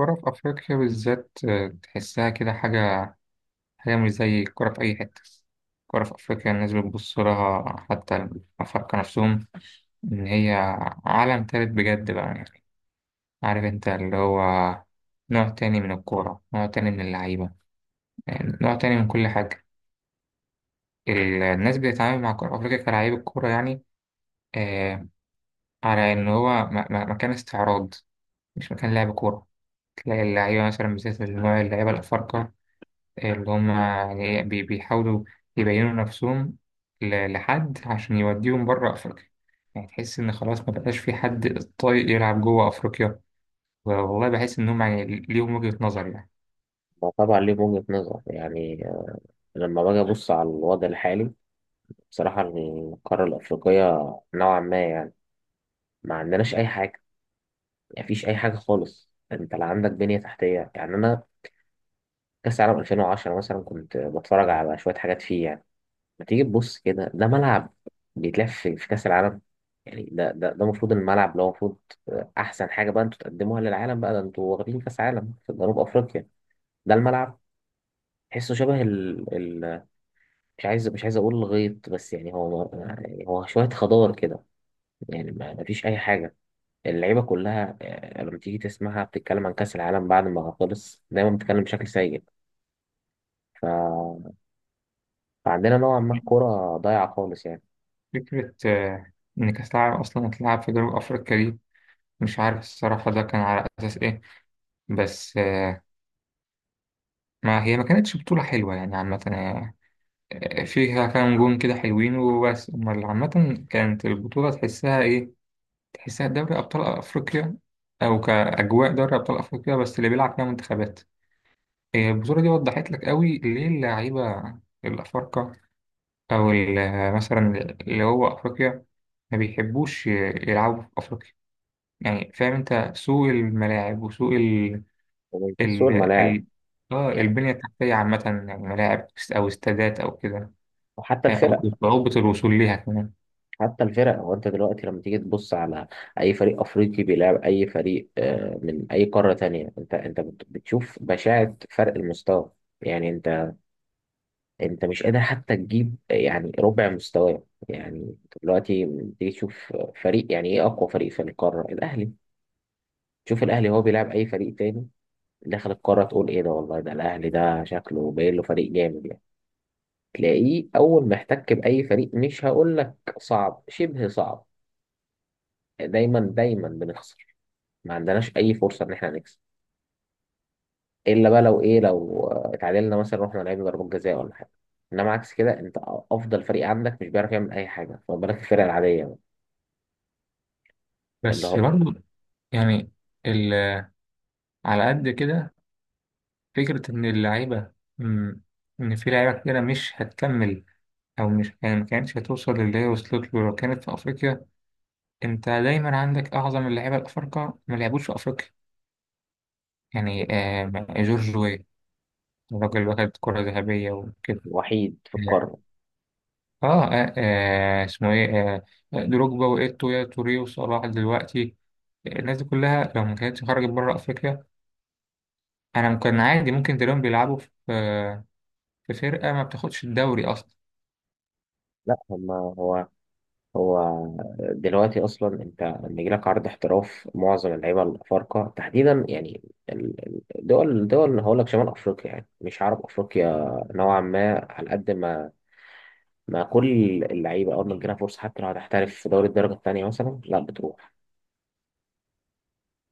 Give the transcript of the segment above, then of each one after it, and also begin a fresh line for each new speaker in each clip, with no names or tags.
الكرة في أفريقيا بالذات آه، تحسها كده حاجة مش زي الكرة في أي حتة. الكرة في أفريقيا الناس بتبص لها، حتى الأفارقة نفسهم، إن هي عالم تالت بجد بقى. يعني عارف أنت اللي هو نوع تاني من الكورة، نوع تاني من اللعيبة، يعني نوع تاني من كل حاجة. الناس بتتعامل مع كرة أفريقيا كلاعيب الكورة يعني. آه، على إن هو مكان استعراض، مش مكان لعب كورة. تلاقي اللعيبة مثلا، بالذات نوع اللعيبة الأفارقة، اللي هم يعني إيه بيحاولوا يبينوا نفسهم لحد عشان يوديهم بره أفريقيا. يعني تحس إن خلاص ما بقاش في حد طايق يلعب جوه أفريقيا. والله بحس إنهم يعني ليهم وجهة نظر يعني.
ما طبعا ليه وجهة نظر يعني. لما باجي أبص على الوضع الحالي بصراحة يعني القارة الأفريقية نوعا ما يعني ما عندناش أي حاجة. يعني مفيش أي حاجة خالص، أنت لا عندك بنية تحتية. يعني أنا كأس العالم 2010 مثلا كنت بتفرج على شوية حاجات فيه يعني. ما تيجي تبص كده ده ملعب بيتلعب في كأس العالم. يعني ده المفروض الملعب اللي هو المفروض أحسن حاجة بقى أنتوا تقدموها للعالم، بقى ده أنتوا واخدين كأس عالم في جنوب أفريقيا. ده الملعب؟ تحسه شبه، مش عايز اقول غيط، بس يعني هو شويه خضار كده. يعني ما فيش اي حاجه. اللعيبه كلها، آه، لما تيجي تسمعها بتتكلم عن كاس العالم بعد ما خلص دايما بتتكلم بشكل سيء. ف... فعندنا نوعا ما الكوره ضايعه خالص يعني.
فكرة آه، إن كأس العالم أصلا هتلعب في جنوب أفريقيا دي، مش عارف الصراحة ده كان على أساس إيه. بس آه، ما هي ما كانتش بطولة حلوة يعني عامة. آه، آه، فيها كام جون كده حلوين وبس، أمال عامة كانت البطولة تحسها إيه؟ تحسها دوري أبطال أفريقيا، أو كأجواء دوري أبطال أفريقيا بس اللي بيلعب فيها منتخبات. هي البطولة دي وضحت لك قوي ليه اللعيبة الأفارقة، أو مثلا اللي هو أفريقيا، ما بيحبوش يلعبوا في أفريقيا. يعني فاهم أنت سوء الملاعب وسوء ال
ومش بس سوق
ال
الملاعب
ال آه،
يعني.
البنية التحتية عامة، يعني ملاعب أو استادات أو كده،
وحتى
أو
الفرق
صعوبة الوصول ليها كمان.
حتى الفرق. هو انت دلوقتي لما تيجي تبص على اي فريق افريقي بيلعب اي فريق، آه، من اي قاره تانية، انت بتشوف بشاعه فرق المستوى. يعني انت انت مش قادر حتى تجيب يعني ربع مستواه يعني. دلوقتي تيجي تشوف فريق، يعني ايه، اقوى فريق في القاره الاهلي، تشوف الاهلي هو بيلعب اي فريق تاني داخل القاره تقول ايه ده، والله ده الاهلي، ده شكله باين له فريق جامد يعني. تلاقيه اول ما احتك باي فريق، مش هقول لك صعب، شبه صعب. دايما دايما بنخسر، ما عندناش اي فرصه ان احنا نكسب، الا بقى لو ايه لو اتعادلنا مثلا رحنا لعبنا ضربات جزاء ولا حاجه. انما عكس كده انت افضل فريق عندك مش بيعرف يعمل اي حاجه، فما بالك الفرقه العاديه اللي
بس
هو
برضه يعني ال- على قد كده، فكرة إن اللعيبة مم، إن في لعيبة كتيرة مش هتكمل، أو مش يعني ما كانتش هتوصل للي هي وصلت له لو كانت في أفريقيا. أنت دايما عندك أعظم اللعيبة الأفارقة ما لعبوش في أفريقيا. يعني آه، جورج وي، الراجل اللي واخد كرة ذهبية وكده.
الوحيد في القارة؟
آه, آه, آه اسمه إيه، آه دروجبا وإيتو يا توري وصلاح دلوقتي. الناس دي كلها لو ما كانتش خرجت بره أفريقيا، أنا كان عادي ممكن تلاقيهم بيلعبوا في آه، في فرقة ما بتاخدش الدوري أصلا.
لا هما هو دلوقتي أصلا أنت لما يجيلك عرض احتراف معظم اللعيبة الأفارقة تحديدا يعني، الدول اللي هقول لك شمال أفريقيا، يعني مش عرب أفريقيا، نوعا ما على قد ما ما كل اللعيبة أول ما تجيلها فرصة حتى لو هتحترف في دوري الدرجة التانية مثلا، لا بتروح،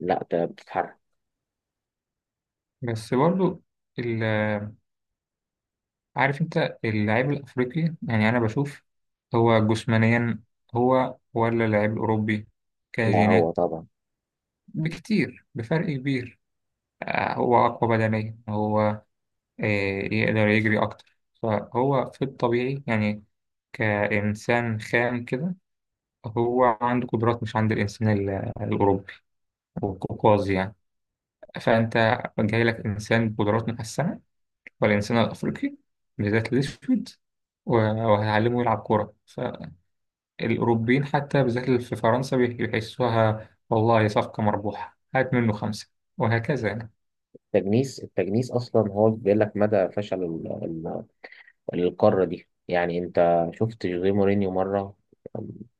لا بتتحرك.
بس برضو ال- عارف انت اللاعب الافريقي، يعني انا بشوف هو جسمانيا هو، ولا اللاعب الاوروبي،
لا هو
كجينات،
طبعا.
بكتير بفرق كبير. آه، هو اقوى بدنيا هو. آه، يقدر يجري اكتر، فهو في الطبيعي يعني كانسان خام كده هو عنده قدرات مش عند الانسان الاوروبي والقوقازي يعني. فانت جاي لك انسان بقدرات محسنه، والإنسان الأفريقي بالذات الأسود، وهعلمه يلعب كورة. فالأوروبيين حتى بالذات اللي في فرنسا بيحسوها والله صفقة مربوحة، هات منه خمسة، وهكذا يعني.
التجنيس أصلا هو بيقول لك مدى فشل للقارة دي. يعني أنت شفت جوزيه مورينيو مرة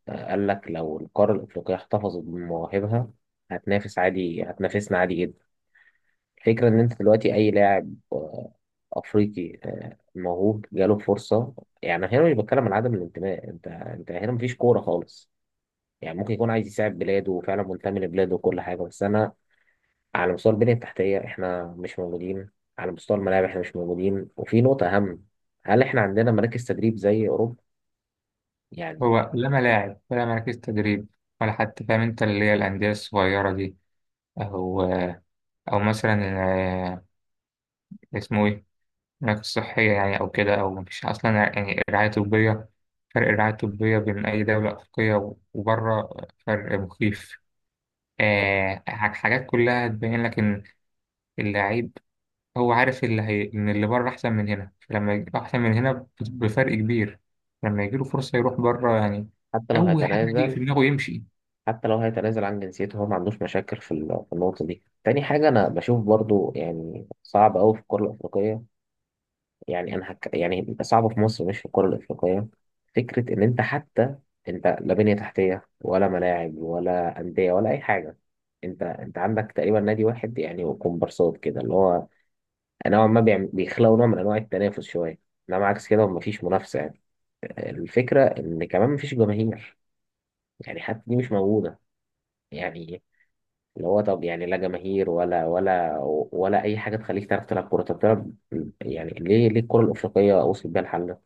قال لك لو القارة الأفريقية احتفظت بمواهبها هتنافس عادي، هتنافسنا عادي جدا. الفكرة إن أنت دلوقتي أي لاعب، آه، أفريقي، آه، موهوب، جاله فرصة. يعني هنا مش بتكلم عن عدم الانتماء، أنت أنت هنا مفيش كورة خالص. يعني ممكن يكون عايز يساعد بلاده وفعلا منتمي لبلاده وكل حاجة، بس أنا على مستوى البنية التحتية إحنا مش موجودين، على مستوى الملاعب إحنا مش موجودين، وفي نقطة أهم، هل إحنا عندنا مراكز تدريب زي أوروبا؟ يعني
هو لا ملاعب ولا مراكز تدريب، ولا حتى فاهم أنت اللي هي الأندية الصغيرة دي، أو أو مثلا آه، اسمه إيه، مراكز صحية يعني، أو كده، أو مفيش أصلا يعني رعاية طبية. فرق الرعاية الطبية بين أي دولة أفريقية وبره فرق مخيف. آه، حاجات كلها تبين لك إن اللعيب هو عارف اللي هي، إن اللي بره أحسن من هنا، فلما يجي أحسن من هنا بفرق كبير، لما يجيله فرصة يروح بره يعني.
حتى لو
أول حاجة هتيجي في
هيتنازل.
دماغه يمشي.
حتى لو هيتنازل عن جنسيته هو ما عندوش مشاكل في في النقطة دي. تاني حاجة أنا بشوف برضو يعني صعب أوي في الكرة الأفريقية، يعني يعني صعبة في مصر، مش في الكرة الأفريقية. فكرة إن أنت حتى أنت لا بنية تحتية ولا ملاعب ولا أندية ولا أي حاجة. أنت عندك تقريبا نادي واحد يعني وكومبارسات كده، اللي هو نوعا ما بيخلقوا نوع من أنواع التنافس شوية، إنما عكس كده ومفيش منافسة يعني. الفكرة إن كمان مفيش جماهير، يعني حتى دي مش موجودة. يعني اللي هو طب يعني لا جماهير ولا ولا اي حاجه تخليك تعرف تلعب كوره، طب تلعب. يعني ليه الكره الافريقيه وصلت بيها الحل ده؟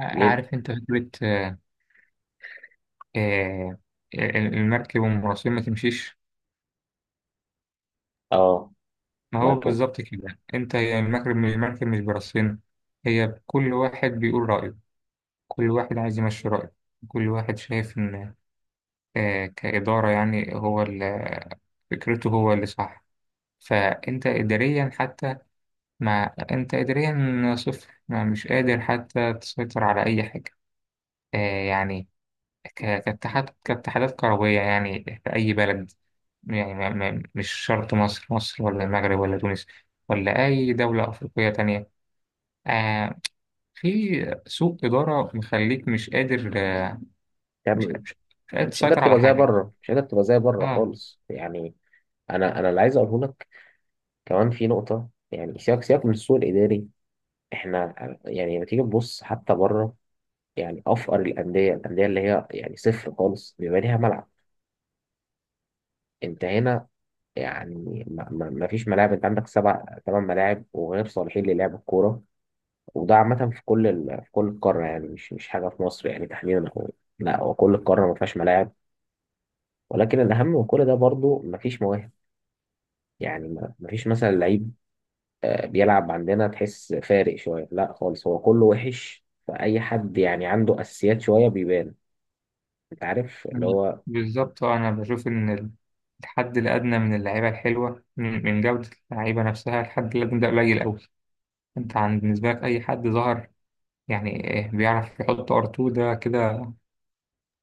ليه؟
عارف أنت فكرة آه، آه، المركب والمراسين ما تمشيش.
اه.
ما هو
مركب.
بالظبط كده أنت، هي المركب، المركب مش براسين. هي كل واحد بيقول رأيه، كل واحد عايز يمشي رأيه، كل واحد شايف إن آه، كإدارة يعني هو فكرته هو اللي صح. فأنت إداريا حتى، ما أنت إداريا صفر، ما مش قادر حتى تسيطر على أي حاجة. آه، يعني كاتحاد كاتحادات كروية يعني في أي بلد، يعني ما مش شرط مصر، ولا المغرب ولا تونس ولا أي دولة أفريقية تانية. آه، في سوء إدارة مخليك مش قادر آه، مش
تعمل
مش مش قادر
مش قادر
تسيطر على
تبقى زي
حاجة.
بره، مش قادر تبقى زي بره
آه
خالص يعني. انا اللي عايز اقوله لك كمان في نقطه، يعني سياق، من السوق الاداري. احنا يعني لما تيجي تبص حتى بره، يعني افقر الانديه، الانديه اللي هي يعني صفر خالص بيبقى ليها ملعب. انت هنا يعني ما فيش ملاعب، انت عندك سبع ثمان ملاعب وغير صالحين للعب الكوره. وده عامه في كل في كل القاره، يعني مش مش حاجه في مصر يعني تحديدا. هو لا، هو كل القاره ما فيهاش ملاعب، ولكن الاهم من كل ده برضو ما فيش مواهب. يعني ما فيش مثلا لعيب، آه، بيلعب عندنا تحس فارق شويه، لا خالص هو كله وحش، فاي حد يعني عنده اساسيات شويه بيبان. انت عارف اللي هو
بالظبط آه، أنا بشوف إن الحد الأدنى من اللعيبة الحلوة، من جودة اللعيبة نفسها، الحد الأدنى ده قليل أوي. أنت عن بالنسبة لك أي حد ظهر، يعني إيه، بيعرف يحط ار اتنين ده كده،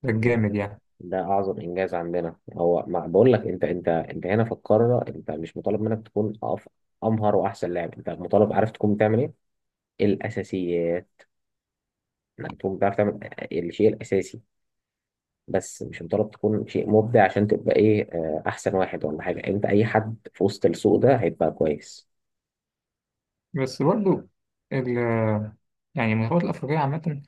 ده الجامد يعني.
ده اعظم انجاز عندنا. هو ما بقول لك انت، انت هنا في القاره انت مش مطالب منك تكون امهر واحسن لاعب، انت مطالب عارف تكون بتعمل ايه؟ الاساسيات. انك تكون بتعرف تعمل الشيء الاساسي، بس مش مطالب تكون شيء مبدع عشان تبقى ايه، آه، احسن واحد ولا حاجه، انت اي حد في وسط السوق ده هيبقى كويس.
بس برضو ال، يعني المنتخبات الأفريقية عامة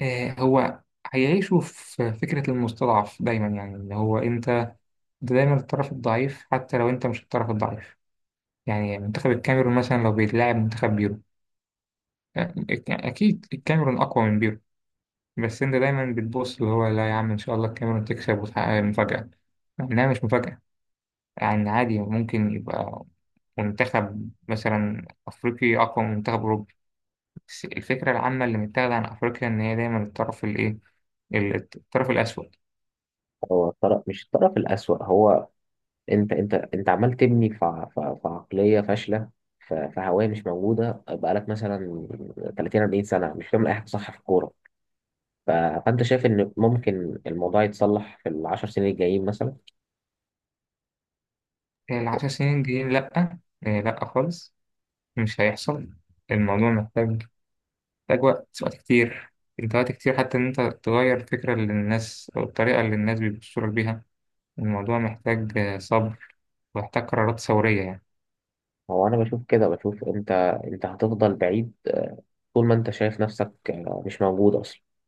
آه، هو هيعيشوا في فكرة المستضعف دايما، يعني إن هو أنت دايما الطرف الضعيف حتى لو أنت مش الطرف الضعيف. يعني منتخب الكاميرون مثلا لو بيتلاعب منتخب بيرو، يعني أكيد الكاميرون أقوى من بيرو، بس أنت دايما بتبص اللي هو لا يا عم إن شاء الله الكاميرون تكسب وتحقق مفاجأة، مع إنها مش مفاجأة. يعني عادي ممكن يبقى منتخب مثلا أفريقي أقوى من منتخب أوروبي. بس الفكرة العامة اللي متاخدة عن أفريقيا إن هي دايما الطرف الإيه، الطرف الأسود.
هو الطرف، مش الطرف الأسوأ، هو انت انت عمال تبني في عقليه فاشله، في هوايه مش موجوده بقالك مثلا 30 40 سنه مش بتعمل اي حاجه صح في الكوره. ف- فأنت شايف إن ممكن الموضوع يتصلح في العشر سنين الجايين مثلا؟
10 سنين الجايين لأ، إيه، لأ خالص، مش هيحصل. الموضوع محتاج، محتاج وقت، وقت كتير. أنت وقت كتير حتى إن أنت تغير الفكرة اللي الناس، أو الطريقة اللي الناس بيبصوا لك بيها. الموضوع محتاج صبر، ومحتاج قرارات ثورية يعني.
هو أنا بشوف كده، بشوف أنت أنت هتفضل بعيد، آه، طول ما أنت شايف نفسك، آه، مش موجود أصلا